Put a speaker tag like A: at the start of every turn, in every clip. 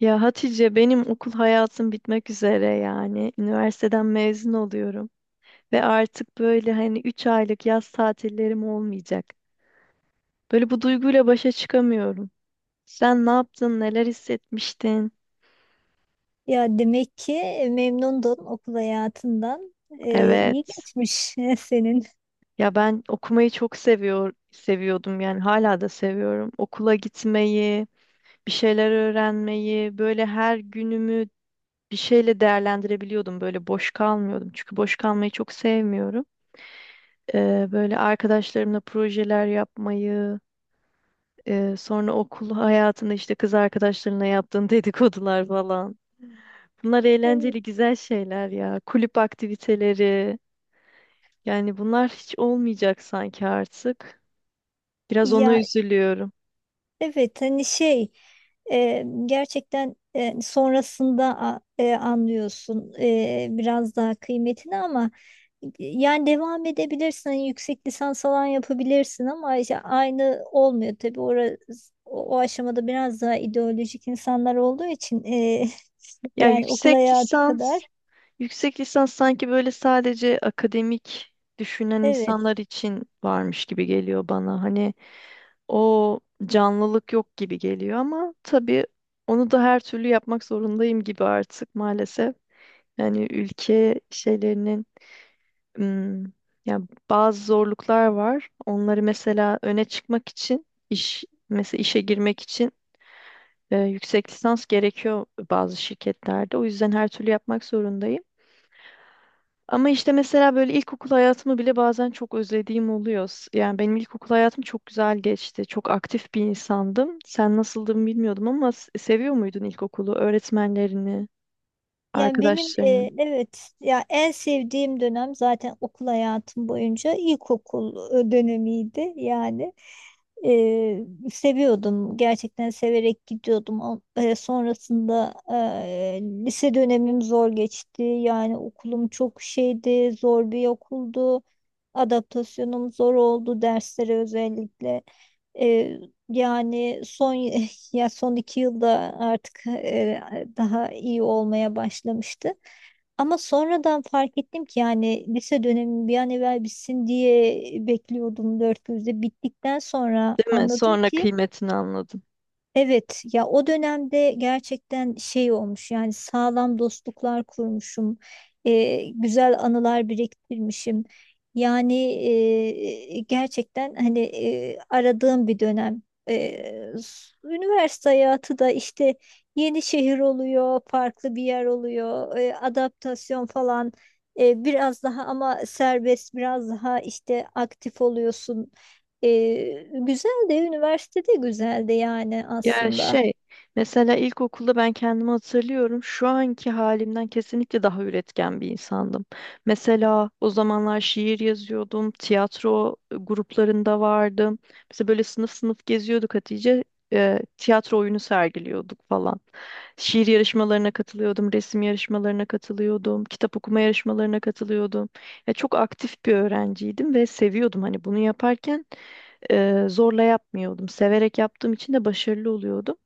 A: Ya Hatice benim okul hayatım bitmek üzere yani. Üniversiteden mezun oluyorum ve artık böyle hani 3 aylık yaz tatillerim olmayacak. Böyle bu duyguyla başa çıkamıyorum. Sen ne yaptın? Neler hissetmiştin?
B: Ya demek ki memnundun okul hayatından. İyi
A: Evet.
B: geçmiş senin.
A: Ya ben okumayı çok seviyordum yani hala da seviyorum. Okula gitmeyi, bir şeyler öğrenmeyi, böyle her günümü bir şeyle değerlendirebiliyordum. Böyle boş kalmıyordum. Çünkü boş kalmayı çok sevmiyorum. Böyle arkadaşlarımla projeler yapmayı, sonra okul hayatında işte kız arkadaşlarına yaptığın dedikodular falan. Bunlar
B: Evet.
A: eğlenceli, güzel şeyler ya. Kulüp aktiviteleri. Yani bunlar hiç olmayacak sanki artık. Biraz ona
B: Ya
A: üzülüyorum.
B: evet hani gerçekten sonrasında anlıyorsun biraz daha kıymetini ama yani devam edebilirsin hani yüksek lisans falan yapabilirsin ama işte aynı olmuyor tabii orası, o aşamada biraz daha ideolojik insanlar olduğu için
A: Ya
B: yani okul
A: yüksek
B: hayatı
A: lisans,
B: kadar
A: yüksek lisans sanki böyle sadece akademik düşünen
B: evet.
A: insanlar için varmış gibi geliyor bana. Hani o canlılık yok gibi geliyor ama tabii onu da her türlü yapmak zorundayım gibi artık maalesef. Yani ülke şeylerinin ım, yani bazı zorluklar var. Onları mesela öne çıkmak için iş mesela işe girmek için yüksek lisans gerekiyor bazı şirketlerde. O yüzden her türlü yapmak zorundayım. Ama işte mesela böyle ilkokul hayatımı bile bazen çok özlediğim oluyor. Yani benim ilkokul hayatım çok güzel geçti. Çok aktif bir insandım. Sen nasıldın bilmiyordum ama seviyor muydun ilkokulu, öğretmenlerini,
B: Yani benim
A: arkadaşlarını?
B: evet ya en sevdiğim dönem zaten okul hayatım boyunca ilkokul dönemiydi yani. Eee, Seviyordum. Gerçekten severek gidiyordum. Ama sonrasında lise dönemim zor geçti. Yani okulum çok şeydi, zor bir okuldu. Adaptasyonum zor oldu derslere özellikle. Eee, Yani son ya son iki yılda artık daha iyi olmaya başlamıştı. Ama sonradan fark ettim ki yani lise dönemi bir an evvel bitsin diye bekliyordum dört gözle. Bittikten sonra
A: Değil mi?
B: anladım
A: Sonra
B: ki
A: kıymetini anladım.
B: evet ya o dönemde gerçekten şey olmuş yani sağlam dostluklar kurmuşum, güzel anılar biriktirmişim yani gerçekten hani aradığım bir dönem. E, Üniversite hayatı da işte yeni şehir oluyor, farklı bir yer oluyor, adaptasyon falan, biraz daha ama serbest, biraz daha işte aktif oluyorsun. Güzel de, üniversitede güzel de yani
A: Ya
B: aslında.
A: şey, mesela ilkokulda ben kendimi hatırlıyorum. Şu anki halimden kesinlikle daha üretken bir insandım. Mesela o zamanlar şiir yazıyordum, tiyatro gruplarında vardım. Mesela böyle sınıf sınıf geziyorduk Hatice. Tiyatro oyunu sergiliyorduk falan. Şiir yarışmalarına katılıyordum, resim yarışmalarına katılıyordum, kitap okuma yarışmalarına katılıyordum. Ya çok aktif bir öğrenciydim ve seviyordum hani bunu yaparken zorla yapmıyordum. Severek yaptığım için de başarılı oluyordum.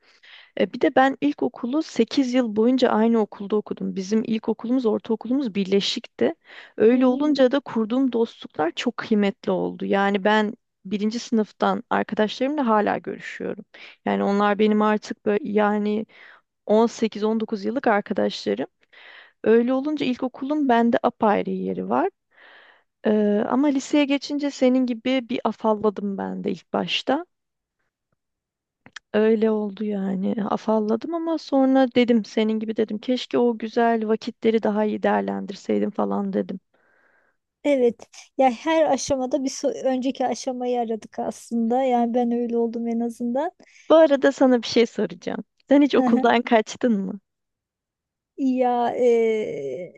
A: Bir de ben ilkokulu 8 yıl boyunca aynı okulda okudum. Bizim ilkokulumuz, ortaokulumuz birleşikti. Öyle
B: Hmm.
A: olunca da kurduğum dostluklar çok kıymetli oldu. Yani ben birinci sınıftan arkadaşlarımla hala görüşüyorum. Yani onlar benim artık böyle yani 18-19 yıllık arkadaşlarım. Öyle olunca ilkokulun bende apayrı yeri var. Ama liseye geçince senin gibi bir afalladım ben de ilk başta. Öyle oldu yani. Afalladım ama sonra dedim senin gibi dedim. Keşke o güzel vakitleri daha iyi değerlendirseydim falan dedim.
B: Evet. Ya her aşamada bir önceki aşamayı aradık aslında. Yani ben öyle oldum en azından.
A: Bu arada sana bir şey soracağım. Sen hiç
B: Hı hı.
A: okuldan kaçtın mı?
B: Ya e,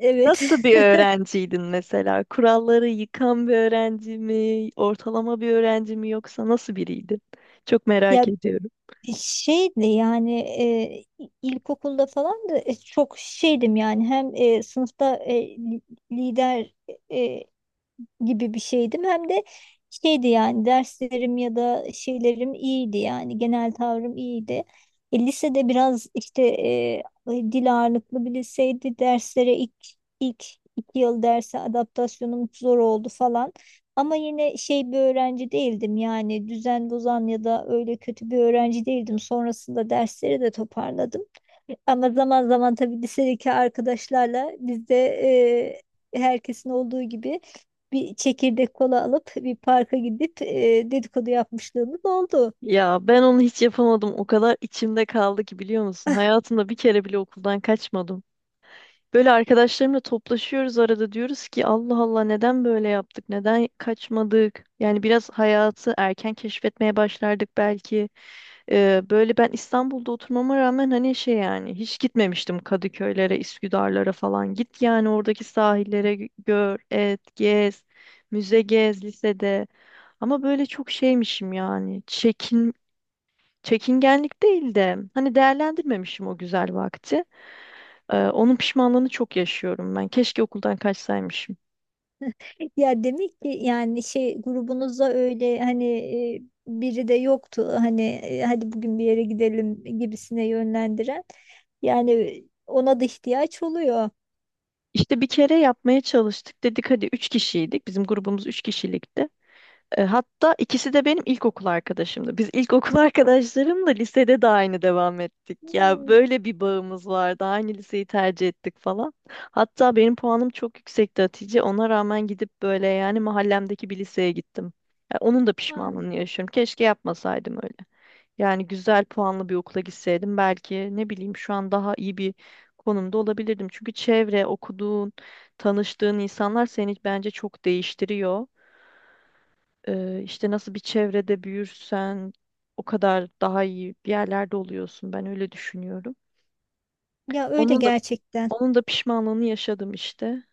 B: evet.
A: Nasıl bir öğrenciydin mesela? Kuralları yıkan bir öğrenci mi, ortalama bir öğrenci mi yoksa nasıl biriydin? Çok
B: Ya
A: merak ediyorum.
B: şeydi yani, ilkokulda falan da çok şeydim yani, hem sınıfta lider e, gibi bir şeydim. Hem de şeydi yani, derslerim ya da şeylerim iyiydi, yani genel tavrım iyiydi. E, lisede biraz işte dil ağırlıklı bir liseydi. Derslere ilk iki yıl derse adaptasyonum zor oldu falan. Ama yine şey bir öğrenci değildim, yani düzen bozan ya da öyle kötü bir öğrenci değildim. Sonrasında dersleri de toparladım. Ama zaman zaman tabii lisedeki arkadaşlarla biz de herkesin olduğu gibi bir çekirdek kola alıp bir parka gidip dedikodu yapmışlığımız oldu.
A: Ya ben onu hiç yapamadım. O kadar içimde kaldı ki biliyor musun? Hayatımda bir kere bile okuldan kaçmadım. Böyle arkadaşlarımla toplaşıyoruz arada diyoruz ki Allah Allah neden böyle yaptık? Neden kaçmadık? Yani biraz hayatı erken keşfetmeye başlardık belki. Böyle ben İstanbul'da oturmama rağmen hani şey yani hiç gitmemiştim Kadıköylere, Üsküdarlara falan. Git yani oradaki sahillere gör, et, gez, müze gez lisede. Ama böyle çok şeymişim yani. Çekingenlik değil de hani değerlendirmemişim o güzel vakti. Onun pişmanlığını çok yaşıyorum ben. Keşke okuldan kaçsaymışım.
B: Ya demek ki yani şey grubunuzda öyle hani biri de yoktu hani hadi bugün bir yere gidelim gibisine yönlendiren. Yani ona da ihtiyaç oluyor.
A: İşte bir kere yapmaya çalıştık. Dedik hadi 3 kişiydik. Bizim grubumuz 3 kişilikti. Hatta ikisi de benim ilkokul arkadaşımdı. Biz ilkokul arkadaşlarımla lisede de aynı devam ettik. Ya
B: Hmm.
A: böyle bir bağımız vardı. Aynı liseyi tercih ettik falan. Hatta benim puanım çok yüksekti Hatice. Ona rağmen gidip böyle yani mahallemdeki bir liseye gittim. Ya onun da
B: Ha.
A: pişmanlığını yaşıyorum. Keşke yapmasaydım öyle. Yani güzel puanlı bir okula gitseydim belki ne bileyim şu an daha iyi bir konumda olabilirdim. Çünkü çevre, okuduğun, tanıştığın insanlar seni bence çok değiştiriyor. İşte nasıl bir çevrede büyürsen o kadar daha iyi bir yerlerde oluyorsun. Ben öyle düşünüyorum.
B: Ya öyle
A: Onun da
B: gerçekten.
A: onun da pişmanlığını yaşadım işte.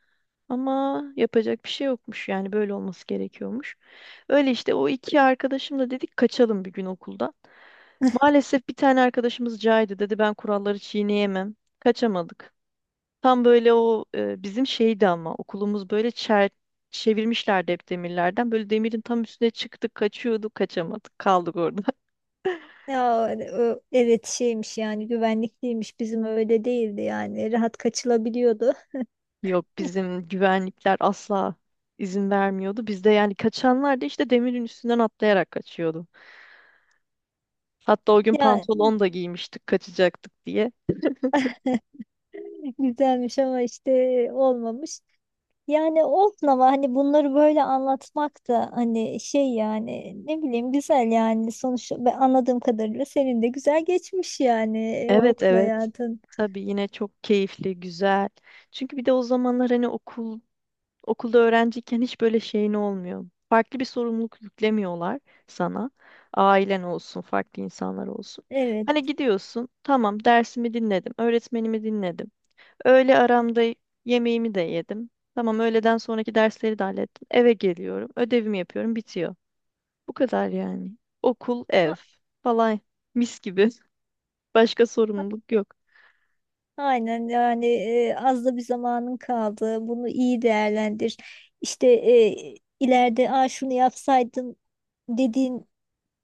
A: Ama yapacak bir şey yokmuş yani böyle olması gerekiyormuş. Öyle işte o iki arkadaşımla dedik kaçalım bir gün okuldan. Maalesef bir tane arkadaşımız caydı dedi ben kuralları çiğneyemem. Kaçamadık. Tam böyle o bizim şeydi ama okulumuz böyle çevirmişlerdi hep demirlerden. Böyle demirin tam üstüne çıktık kaçıyorduk kaçamadık kaldık orada.
B: Ya hani evet şeymiş yani, güvenlikliymiş, bizim öyle değildi yani, rahat kaçılabiliyordu.
A: Yok bizim güvenlikler asla izin vermiyordu. Bizde yani kaçanlar da işte demirin üstünden atlayarak kaçıyordu. Hatta o gün
B: Ya
A: pantolon da giymiştik kaçacaktık diye.
B: güzelmiş ama işte olmamış. Yani olsun ama hani bunları böyle anlatmak da hani şey yani, ne bileyim, güzel yani, sonuçta ben anladığım kadarıyla senin de güzel geçmiş yani
A: Evet,
B: okul
A: evet.
B: hayatın.
A: Tabii yine çok keyifli, güzel. Çünkü bir de o zamanlar hani okulda öğrenciyken hiç böyle şeyin olmuyor. Farklı bir sorumluluk yüklemiyorlar sana. Ailen olsun, farklı insanlar olsun.
B: Evet.
A: Hani gidiyorsun, tamam dersimi dinledim, öğretmenimi dinledim. Öğle aramda yemeğimi de yedim. Tamam öğleden sonraki dersleri de hallettim. Eve geliyorum. Ödevimi yapıyorum. Bitiyor. Bu kadar yani. Okul,
B: A-
A: ev falan mis gibi. Başka
B: a-
A: sorumluluk yok.
B: Aynen yani, az da bir zamanın kaldı. Bunu iyi değerlendir. İşte, ileride "Aa, şunu yapsaydım" dediğin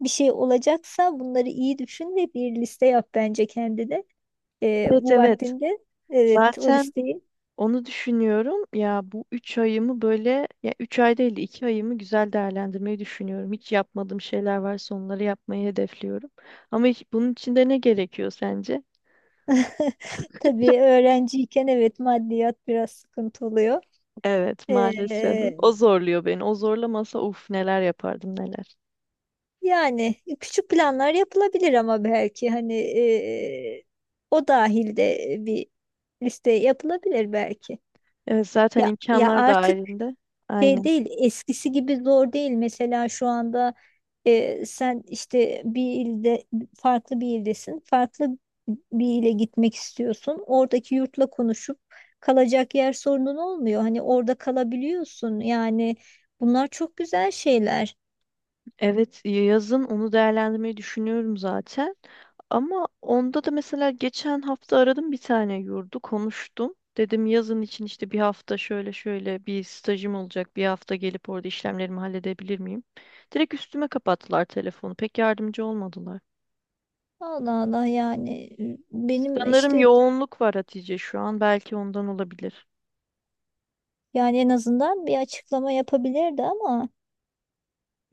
B: bir şey olacaksa bunları iyi düşün ve bir liste yap bence kendine
A: Evet,
B: bu
A: evet.
B: vaktinde. Evet, o
A: Zaten
B: listeyi.
A: onu düşünüyorum. Ya bu 3 ayımı böyle ya 3 ay değil de 2 ayımı güzel değerlendirmeyi düşünüyorum. Hiç yapmadığım şeyler varsa onları yapmayı hedefliyorum. Ama bunun için de ne gerekiyor sence?
B: Tabii öğrenciyken evet, maddiyat biraz sıkıntı oluyor.
A: Evet, maalesef.
B: Ee,
A: O zorluyor beni. O zorlamasa uf neler yapardım neler.
B: Yani küçük planlar yapılabilir ama belki hani, o dahilde bir liste yapılabilir belki.
A: Evet, zaten
B: Ya
A: imkanlar
B: artık
A: dahilinde.
B: şey
A: Aynen.
B: değil, eskisi gibi zor değil. Mesela şu anda sen işte bir ilde, farklı bir ildesin. Farklı bir ile gitmek istiyorsun. Oradaki yurtla konuşup kalacak yer sorunun olmuyor. Hani orada kalabiliyorsun. Yani bunlar çok güzel şeyler.
A: Evet, yazın onu değerlendirmeyi düşünüyorum zaten. Ama onda da mesela geçen hafta aradım bir tane yurdu konuştum. Dedim yazın için işte bir hafta şöyle şöyle bir stajım olacak. Bir hafta gelip orada işlemlerimi halledebilir miyim? Direkt üstüme kapattılar telefonu. Pek yardımcı olmadılar.
B: Allah Allah, yani benim
A: Sanırım
B: işte,
A: yoğunluk var Hatice şu an. Belki ondan olabilir.
B: yani en azından bir açıklama yapabilirdi ama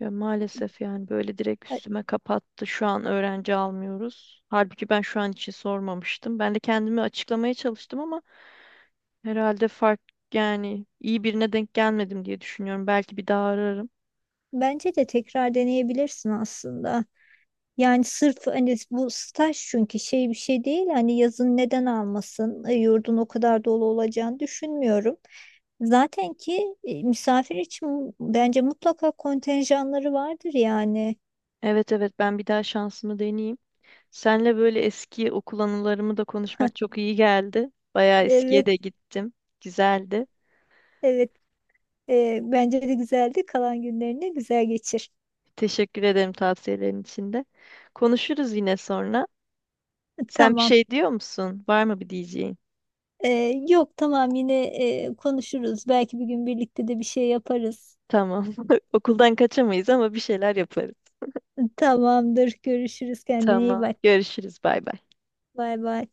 A: Ya maalesef yani böyle direkt
B: e,
A: üstüme kapattı. Şu an öğrenci almıyoruz. Halbuki ben şu an için sormamıştım. Ben de kendimi açıklamaya çalıştım ama herhalde fark yani iyi birine denk gelmedim diye düşünüyorum. Belki bir daha ararım.
B: bence de tekrar deneyebilirsin aslında. Yani sırf hani bu staj çünkü şey bir şey değil, hani yazın neden almasın. E, yurdun o kadar dolu olacağını düşünmüyorum. Zaten ki misafir için bence mutlaka kontenjanları vardır yani.
A: Evet, evet, ben bir daha şansımı deneyeyim. Senle böyle eski okul anılarımı da konuşmak çok iyi geldi. Bayağı eskiye
B: Evet,
A: de gittim. Güzeldi.
B: evet. E, bence de güzeldi, kalan günlerini güzel geçir.
A: Teşekkür ederim tavsiyelerin için de. Konuşuruz yine sonra. Sen bir
B: Tamam.
A: şey diyor musun? Var mı bir diyeceğin?
B: E, Yok, tamam, yine konuşuruz, belki bir gün birlikte de bir şey yaparız.
A: Tamam. Okuldan kaçamayız ama bir şeyler yaparız.
B: Tamamdır, görüşürüz, kendine iyi
A: Tamam.
B: bak,
A: Görüşürüz. Bay bay.
B: bay bay.